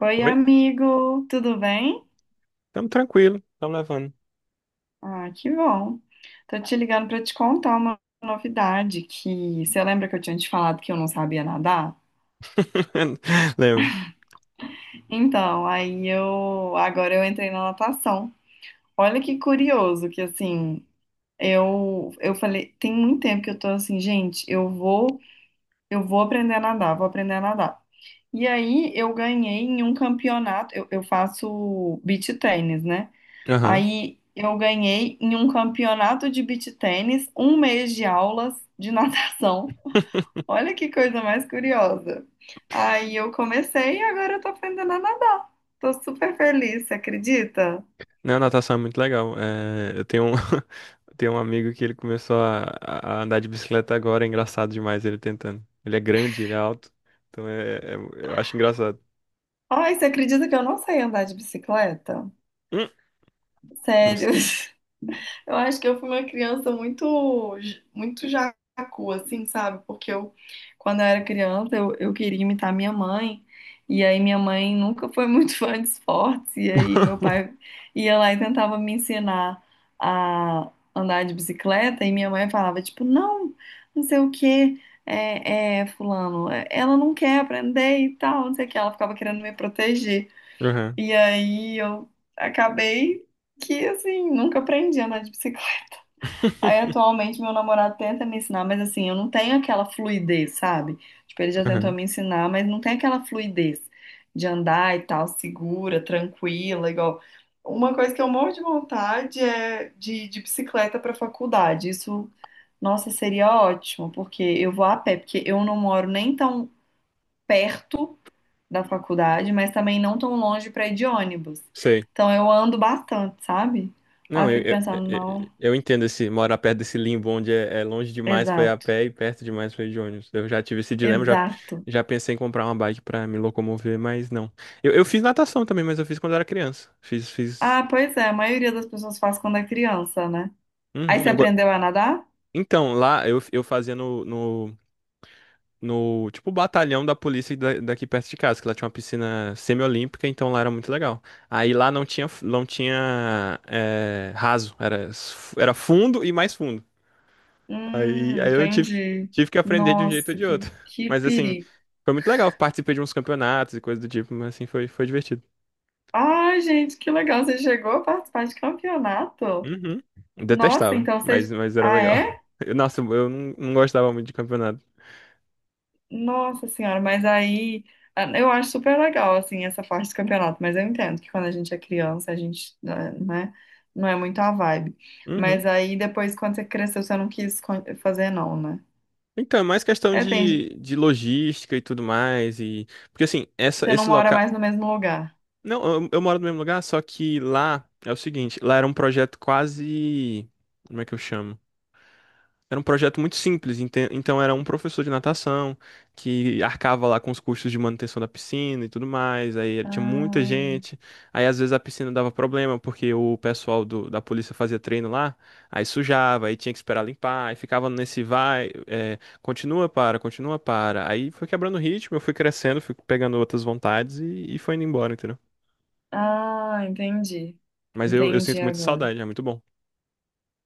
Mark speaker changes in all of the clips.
Speaker 1: Oi,
Speaker 2: Oi?
Speaker 1: amigo, tudo bem?
Speaker 2: Tamo tranquilo, tamo levando.
Speaker 1: Ah, que bom. Tô te ligando pra te contar uma novidade que você lembra que eu tinha te falado que eu não sabia nadar?
Speaker 2: Lembro.
Speaker 1: Então, aí eu agora eu entrei na natação. Olha que curioso que assim, eu falei, tem muito tempo que eu tô assim, gente, eu vou aprender a nadar, vou aprender a nadar. E aí eu ganhei em um campeonato, eu faço beach tennis, né?
Speaker 2: Aham.
Speaker 1: Aí eu ganhei em um campeonato de beach tênis, um mês de aulas de natação. Olha que coisa mais curiosa. Aí eu comecei e agora eu tô aprendendo a nadar. Tô super feliz, você acredita?
Speaker 2: Não, natação é muito legal. É, tenho um amigo que ele começou a andar de bicicleta agora, é engraçado demais ele tentando. Ele é grande, ele é alto, então eu acho engraçado.
Speaker 1: Ai, você acredita que eu não sei andar de bicicleta?
Speaker 2: Hum. Nossa.
Speaker 1: Sério. Eu acho que eu fui uma criança muito, muito jacu, assim, sabe? Porque eu, quando eu era criança, eu queria imitar minha mãe. E aí minha mãe nunca foi muito fã de esportes. E aí meu pai ia lá e tentava me ensinar a andar de bicicleta. E minha mãe falava, tipo, não, não sei o quê, fulano, ela não quer aprender e tal, não sei o que. Ela ficava querendo me proteger.
Speaker 2: Aham.
Speaker 1: E aí eu acabei que, assim, nunca aprendi a andar de bicicleta. Aí atualmente meu namorado tenta me ensinar, mas assim, eu não tenho aquela fluidez, sabe? Tipo, ele já tentou
Speaker 2: Aham.
Speaker 1: me ensinar, mas não tem aquela fluidez de andar e tal, segura, tranquila, igual. Uma coisa que eu morro de vontade é de ir de bicicleta para faculdade. Isso, nossa, seria ótimo, porque eu vou a pé, porque eu não moro nem tão perto da faculdade, mas também não tão longe para ir de ônibus.
Speaker 2: Sei.
Speaker 1: Então eu ando bastante, sabe? Aí
Speaker 2: Não,
Speaker 1: eu
Speaker 2: eu,
Speaker 1: fico
Speaker 2: eu,
Speaker 1: pensando,
Speaker 2: eu
Speaker 1: não,
Speaker 2: eu entendo esse morar perto desse limbo onde é longe demais foi a
Speaker 1: exato.
Speaker 2: pé e perto demais foi de ônibus. Eu já tive esse dilema, já,
Speaker 1: Exato.
Speaker 2: já pensei em comprar uma bike pra me locomover, mas não. Eu fiz natação também, mas eu fiz quando era criança. Fiz, fiz.
Speaker 1: Ah, pois é, a maioria das pessoas faz quando é criança, né? Aí
Speaker 2: Uhum.
Speaker 1: você aprendeu a nadar?
Speaker 2: Então, lá eu fazia no tipo batalhão da polícia daqui perto de casa, que lá tinha uma piscina semiolímpica, então lá era muito legal. Aí lá não tinha raso, era fundo e mais fundo. Aí, aí eu tive que,
Speaker 1: Entendi.
Speaker 2: tive que aprender de um jeito ou
Speaker 1: Nossa,
Speaker 2: de outro.
Speaker 1: que
Speaker 2: Mas assim,
Speaker 1: perigo.
Speaker 2: foi muito legal. Participei de uns campeonatos e coisa do tipo, mas assim, foi divertido.
Speaker 1: Ai, gente, que legal, você chegou a participar de campeonato?
Speaker 2: Uhum.
Speaker 1: Nossa,
Speaker 2: Detestava,
Speaker 1: então
Speaker 2: mas,
Speaker 1: você.
Speaker 2: mas era
Speaker 1: Ah,
Speaker 2: legal.
Speaker 1: é?
Speaker 2: Nossa, eu não gostava muito de campeonato.
Speaker 1: Nossa senhora, mas aí. Ah, eu acho super legal, assim, essa parte do campeonato, mas eu entendo que quando a gente é criança, a gente, não é muito a vibe.
Speaker 2: Uhum.
Speaker 1: Mas aí depois, quando você cresceu, você não quis fazer, não, né?
Speaker 2: Então, é mais questão
Speaker 1: É, tem,
Speaker 2: de logística e tudo mais. E. Porque assim, essa,
Speaker 1: você não
Speaker 2: esse
Speaker 1: mora
Speaker 2: local.
Speaker 1: mais no mesmo lugar.
Speaker 2: Não, eu moro no mesmo lugar, só que lá é o seguinte, lá era um projeto quase. Como é que eu chamo? Era um projeto muito simples, então era um professor de natação que arcava lá com os custos de manutenção da piscina e tudo mais. Aí ele tinha muita
Speaker 1: Ah,
Speaker 2: gente. Aí às vezes a piscina dava problema porque o pessoal da polícia fazia treino lá, aí sujava, aí tinha que esperar limpar, aí ficava nesse vai, é, continua para, continua para. Aí foi quebrando o ritmo, eu fui crescendo, fui pegando outras vontades e foi indo embora, entendeu?
Speaker 1: ah, entendi.
Speaker 2: Mas eu
Speaker 1: Entendi
Speaker 2: sinto muita
Speaker 1: agora.
Speaker 2: saudade, é muito bom.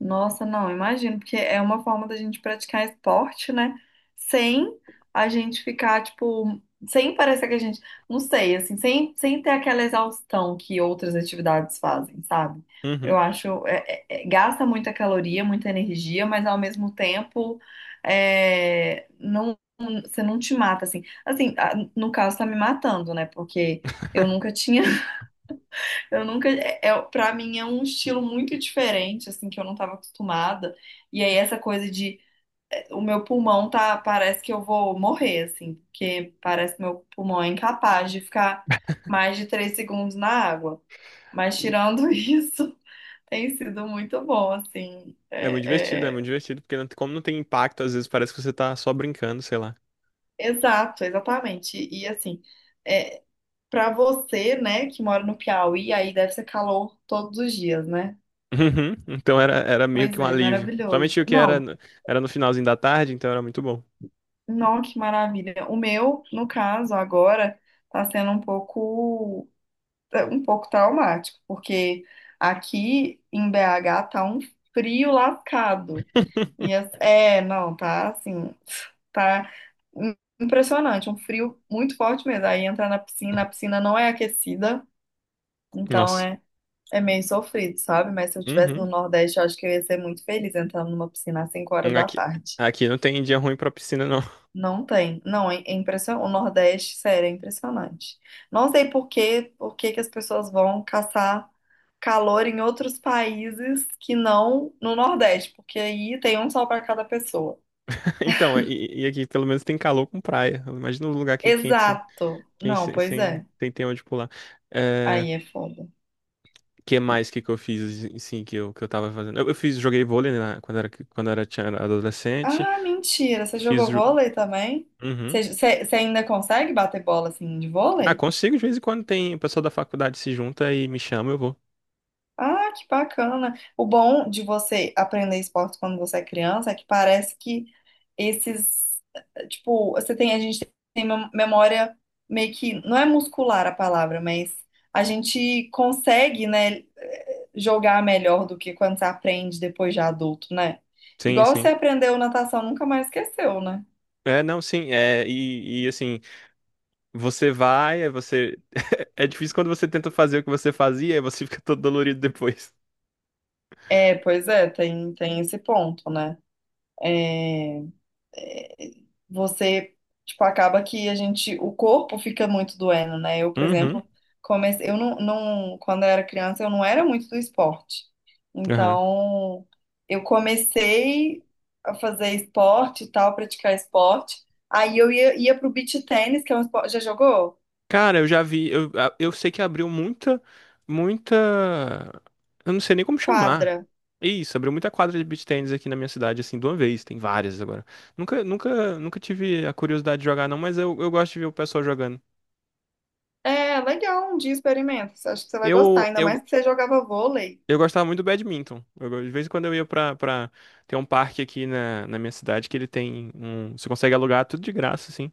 Speaker 1: Nossa, não, imagino, porque é uma forma da gente praticar esporte, né? Sem a gente ficar, tipo, sem parecer que a gente, não sei, assim, sem, sem ter aquela exaustão que outras atividades fazem, sabe? Eu
Speaker 2: Uhum.
Speaker 1: acho, gasta muita caloria, muita energia, mas ao mesmo tempo, é, não, você não te mata, assim. Assim, no caso, tá me matando, né? Porque eu nunca tinha Eu nunca, para mim é um estilo muito diferente, assim, que eu não estava acostumada. E aí essa coisa de é, o meu pulmão tá, parece que eu vou morrer, assim, porque parece que meu pulmão é incapaz de ficar mais de 3 segundos na água. Mas tirando isso, tem sido muito bom, assim.
Speaker 2: É muito divertido, porque como não tem impacto, às vezes parece que você tá só brincando, sei lá.
Speaker 1: Exato, exatamente. E assim, é, para você, né, que mora no Piauí, aí deve ser calor todos os dias, né?
Speaker 2: Uhum. Então era meio
Speaker 1: Pois
Speaker 2: que um
Speaker 1: é,
Speaker 2: alívio.
Speaker 1: maravilhoso.
Speaker 2: Principalmente o que era,
Speaker 1: Não,
Speaker 2: era no finalzinho da tarde, então era muito bom.
Speaker 1: não, que maravilha. O meu, no caso, agora, tá sendo um pouco, é, um pouco traumático, porque aqui em BH tá um frio lascado. Não, tá assim, tá im- impressionante, um frio muito forte mesmo. Aí entra na piscina, a piscina não é aquecida, então
Speaker 2: Nossa.
Speaker 1: é meio sofrido, sabe? Mas se eu estivesse no
Speaker 2: Uhum.
Speaker 1: Nordeste, eu acho que eu ia ser muito feliz entrando numa piscina às 5 horas da
Speaker 2: Aqui,
Speaker 1: tarde.
Speaker 2: aqui não tem dia ruim pra piscina, não.
Speaker 1: Não tem. Não, é impressionante. O Nordeste, sério, é impressionante. Não sei por quê, por que que as pessoas vão caçar calor em outros países que não no Nordeste, porque aí tem um sol para cada pessoa.
Speaker 2: Então, e aqui pelo menos tem calor com praia. Imagina um lugar que é quente sem,
Speaker 1: Exato.
Speaker 2: quente
Speaker 1: Não,
Speaker 2: sem,
Speaker 1: pois
Speaker 2: sem,
Speaker 1: é.
Speaker 2: sem ter onde pular. É,
Speaker 1: Aí é foda.
Speaker 2: que mais que eu fiz, assim que eu tava fazendo? Eu fiz, joguei vôlei, né, era adolescente.
Speaker 1: Ah, mentira. Você
Speaker 2: Fiz.
Speaker 1: jogou vôlei também?
Speaker 2: Uhum.
Speaker 1: Você ainda consegue bater bola assim de
Speaker 2: Ah,
Speaker 1: vôlei?
Speaker 2: consigo, de vez em quando tem o pessoal da faculdade se junta e me chama, eu vou.
Speaker 1: Ah, que bacana. O bom de você aprender esporte quando você é criança é que parece que esses, eh, tipo, você tem, a gente tem memória meio que, não é muscular a palavra, mas a gente consegue, né, eh, jogar melhor do que quando você aprende depois de adulto, né?
Speaker 2: Sim,
Speaker 1: Igual você
Speaker 2: sim.
Speaker 1: aprendeu natação, nunca mais esqueceu, né?
Speaker 2: É, não, sim, é, e assim, você vai, aí você. É difícil quando você tenta fazer o que você fazia, aí você fica todo dolorido depois.
Speaker 1: É, pois é, tem, tem esse ponto, né? É... você, tipo, acaba que a gente, o corpo fica muito doendo, né? Eu, por
Speaker 2: Uhum,
Speaker 1: exemplo, comecei, eu não, não, quando eu era criança, eu não era muito do esporte.
Speaker 2: aham.
Speaker 1: Então, eu comecei a fazer esporte e tal, praticar esporte. Aí eu ia pro beach tênis, que é um esporte, já jogou?
Speaker 2: Cara, eu já vi, eu, eu sei que abriu muita, muita. Eu não sei nem como chamar.
Speaker 1: Quadra.
Speaker 2: Isso, abriu muita quadra de beach tennis aqui na minha cidade, assim, de uma vez, tem várias agora. Nunca, nunca, nunca tive a curiosidade de jogar, não, mas eu gosto de ver o pessoal jogando.
Speaker 1: É, legal, um dia experimenta. Acho que você vai gostar,
Speaker 2: Eu,
Speaker 1: ainda
Speaker 2: eu
Speaker 1: mais que você jogava vôlei.
Speaker 2: Eu gostava muito do badminton. De vez em quando eu ia pra. Tem um parque aqui na minha cidade que ele tem um. Você consegue alugar tudo de graça, assim.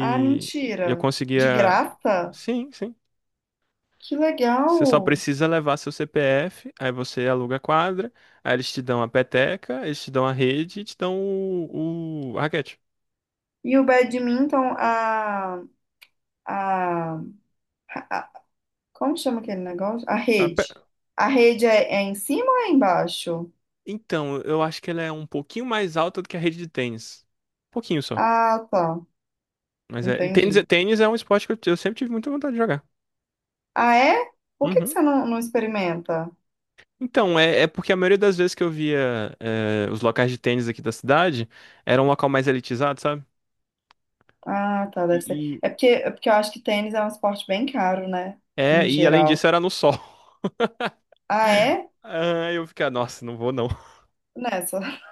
Speaker 1: Ah,
Speaker 2: eu
Speaker 1: mentira. De
Speaker 2: conseguia.
Speaker 1: graça?
Speaker 2: Sim, sim.
Speaker 1: Que
Speaker 2: Você só
Speaker 1: legal.
Speaker 2: precisa levar seu CPF, aí você aluga a quadra, aí eles te dão a peteca, eles te dão a rede e te dão a raquete.
Speaker 1: E o badminton, a, a- como chama aquele negócio? A
Speaker 2: A pe-
Speaker 1: rede. A rede é, é em cima ou é embaixo?
Speaker 2: Então, eu acho que ela é um pouquinho mais alta do que a rede de tênis. Um pouquinho só.
Speaker 1: Ah, tá.
Speaker 2: Tênis,
Speaker 1: Entendi.
Speaker 2: tênis é um esporte que eu sempre tive muita vontade de jogar.
Speaker 1: Ah, é? Por que que
Speaker 2: Uhum.
Speaker 1: você não experimenta?
Speaker 2: Então, é porque a maioria das vezes que eu via, os locais de tênis aqui da cidade, era um local mais elitizado, sabe?
Speaker 1: Ah, tá,
Speaker 2: E,
Speaker 1: deve ser.
Speaker 2: e-
Speaker 1: É porque eu acho que tênis é um esporte bem caro, né?
Speaker 2: É,
Speaker 1: Em
Speaker 2: e além disso
Speaker 1: geral.
Speaker 2: era no sol.
Speaker 1: Ah, é?
Speaker 2: Ah, eu ficava, nossa, não vou não.
Speaker 1: Nessa.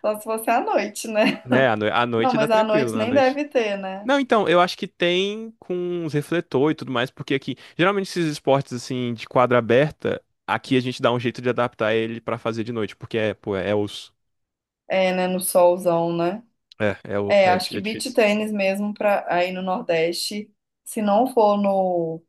Speaker 1: Só se fosse à noite, né?
Speaker 2: Né, à
Speaker 1: Não,
Speaker 2: noite dá
Speaker 1: mas à noite
Speaker 2: tranquilo, à
Speaker 1: nem
Speaker 2: noite.
Speaker 1: deve ter, né?
Speaker 2: Não, então, eu acho que tem com os refletor e tudo mais, porque aqui, geralmente esses esportes assim de quadra aberta, aqui a gente dá um jeito de adaptar ele pra fazer de noite, porque é, pô, é osso.
Speaker 1: É, né? No solzão, né?
Speaker 2: É, é, o-
Speaker 1: É,
Speaker 2: é,
Speaker 1: acho
Speaker 2: di-
Speaker 1: que
Speaker 2: é
Speaker 1: beach
Speaker 2: difícil.
Speaker 1: tênis mesmo para aí no Nordeste, se não for no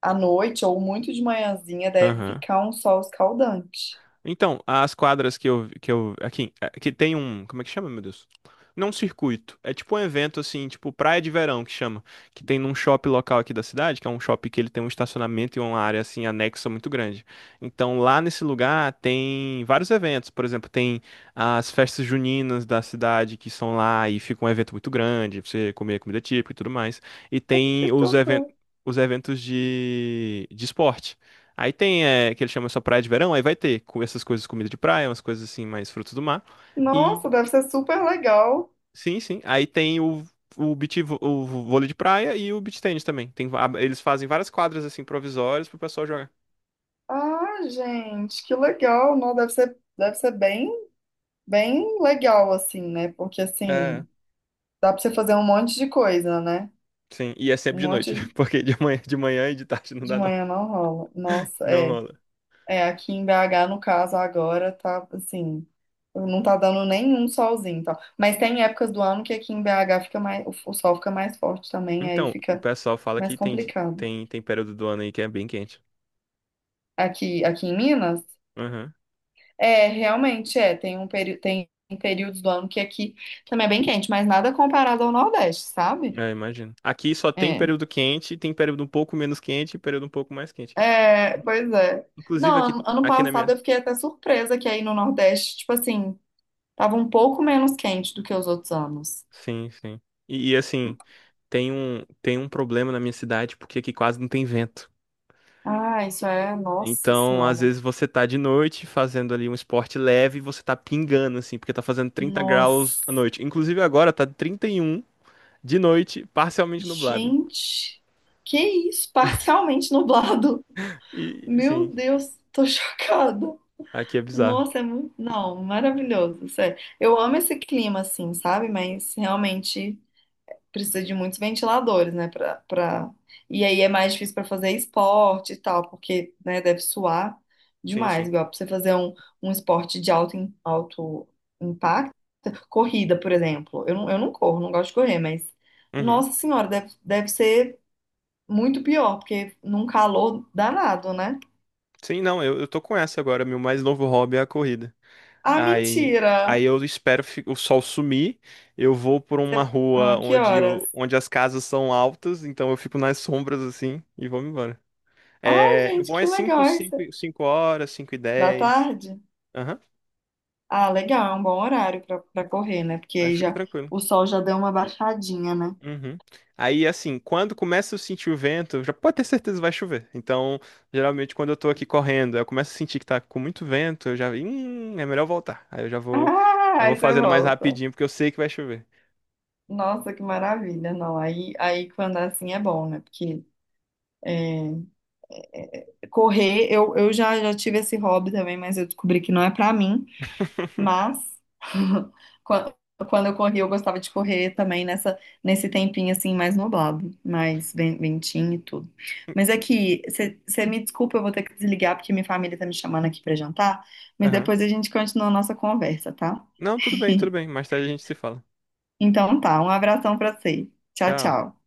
Speaker 1: à noite ou muito de manhãzinha, deve
Speaker 2: Aham.
Speaker 1: ficar um sol escaldante.
Speaker 2: Então, as quadras aqui, que tem um, como é que chama, meu Deus? Não um circuito, é tipo um evento assim, tipo praia de verão que chama, que tem num shopping local aqui da cidade, que é um shopping que ele tem um estacionamento e uma área assim anexa muito grande. Então, lá nesse lugar tem vários eventos, por exemplo, tem as festas juninas da cidade que são lá e fica um evento muito grande, pra você comer comida típica e tudo mais. E
Speaker 1: Que
Speaker 2: tem
Speaker 1: tudo.
Speaker 2: os eventos de esporte. Aí tem, que ele chama só praia de verão, aí vai ter com essas coisas, comida de praia, umas coisas assim, mais frutos do mar. E
Speaker 1: Nossa, deve ser super legal.
Speaker 2: sim, sim. Aí tem o vôlei de praia e o beach tennis também. Tem, eles fazem várias quadras assim provisórias pro pessoal jogar.
Speaker 1: Ah, gente, que legal. Não, deve ser bem, bem legal assim, né? Porque
Speaker 2: É,
Speaker 1: assim, dá para você fazer um monte de coisa, né?
Speaker 2: sim. E é sempre
Speaker 1: Um
Speaker 2: de noite,
Speaker 1: monte
Speaker 2: porque de manhã e de tarde não
Speaker 1: de
Speaker 2: dá não.
Speaker 1: manhã não rola. Nossa,
Speaker 2: Não
Speaker 1: é.
Speaker 2: rola.
Speaker 1: É, aqui em BH, no caso, agora tá assim, não tá dando nenhum solzinho, e tal. Mas tem épocas do ano que aqui em BH fica mais, o sol fica mais forte também, aí
Speaker 2: Então, o
Speaker 1: fica
Speaker 2: pessoal fala
Speaker 1: mais
Speaker 2: que tem, di-
Speaker 1: complicado.
Speaker 2: tem, tem período do ano aí que é bem quente.
Speaker 1: Aqui em Minas,
Speaker 2: Aham.
Speaker 1: é, realmente é, tem um peri tem períodos do ano que aqui também é bem quente, mas nada comparado ao Nordeste, sabe?
Speaker 2: É, imagino. Aqui só tem
Speaker 1: É.
Speaker 2: período quente, tem período um pouco menos quente e período um pouco mais quente.
Speaker 1: É, pois é.
Speaker 2: Inclusive
Speaker 1: Não,
Speaker 2: aqui,
Speaker 1: ano
Speaker 2: aqui na
Speaker 1: passado
Speaker 2: minha.
Speaker 1: eu fiquei até surpresa que aí no Nordeste, tipo assim, tava um pouco menos quente do que os outros anos.
Speaker 2: Sim, sim. E, assim, tem um problema na minha cidade, porque aqui quase não tem vento.
Speaker 1: Ah, isso é. Nossa
Speaker 2: Então, às
Speaker 1: Senhora.
Speaker 2: vezes você tá de noite fazendo ali um esporte leve e você tá pingando, assim, porque tá fazendo 30 graus à
Speaker 1: Nossa.
Speaker 2: noite. Inclusive agora tá 31 de noite, parcialmente nublado.
Speaker 1: Gente, que isso? Parcialmente nublado.
Speaker 2: E
Speaker 1: Meu
Speaker 2: sim,
Speaker 1: Deus, tô chocada.
Speaker 2: aqui é bizarro.
Speaker 1: Nossa, é muito. Não, maravilhoso. Sério. Eu amo esse clima, assim, sabe? Mas realmente, precisa de muitos ventiladores, né? Pra, pra... E aí é mais difícil para fazer esporte e tal, porque, né, deve suar
Speaker 2: Sim,
Speaker 1: demais.
Speaker 2: sim.
Speaker 1: Igual para você fazer um, um esporte de alto, alto impacto, corrida, por exemplo. Eu não corro, não gosto de correr, mas,
Speaker 2: Uhum.
Speaker 1: nossa senhora, deve ser muito pior, porque num calor danado, né?
Speaker 2: Sim, não, eu tô com essa agora. Meu mais novo hobby é a corrida.
Speaker 1: Ah,
Speaker 2: Aí, aí
Speaker 1: mentira!
Speaker 2: eu espero o sol sumir. Eu vou por uma rua
Speaker 1: Ah, que
Speaker 2: onde,
Speaker 1: horas?
Speaker 2: onde as casas são altas, então eu fico nas sombras assim e vou embora.
Speaker 1: Ai,
Speaker 2: É, o
Speaker 1: gente,
Speaker 2: bom
Speaker 1: que
Speaker 2: é
Speaker 1: legal isso.
Speaker 2: 5 horas, 5 e
Speaker 1: Da
Speaker 2: 10.
Speaker 1: tarde?
Speaker 2: Aham,
Speaker 1: Ah, legal, é um bom horário pra correr, né? Porque
Speaker 2: aí
Speaker 1: aí
Speaker 2: fica
Speaker 1: já
Speaker 2: tranquilo.
Speaker 1: o sol já deu uma baixadinha, né?
Speaker 2: Uhum. Aí, assim, quando começa a sentir o vento, já pode ter certeza que vai chover. Então, geralmente, quando eu tô aqui correndo, eu começo a sentir que tá com muito vento, eu já, é melhor voltar. Aí eu já vou,
Speaker 1: Ah,
Speaker 2: eu vou
Speaker 1: aí você
Speaker 2: fazendo mais
Speaker 1: volta.
Speaker 2: rapidinho, porque eu sei que vai chover.
Speaker 1: Nossa, que maravilha. Não, aí quando é assim é bom, né? Porque é, correr, já tive esse hobby também, mas eu descobri que não é pra mim. Mas quan- quando eu corri, eu gostava de correr também nessa, nesse tempinho assim mais nublado, mais ventinho e tudo. Mas é que você me desculpa, eu vou ter que desligar porque minha família tá me chamando aqui pra jantar, mas depois a gente continua a nossa conversa, tá?
Speaker 2: Não, tudo bem, tudo bem. Mais tarde a gente se fala.
Speaker 1: Então tá, um abração pra você. Tchau,
Speaker 2: Tchau.
Speaker 1: tchau.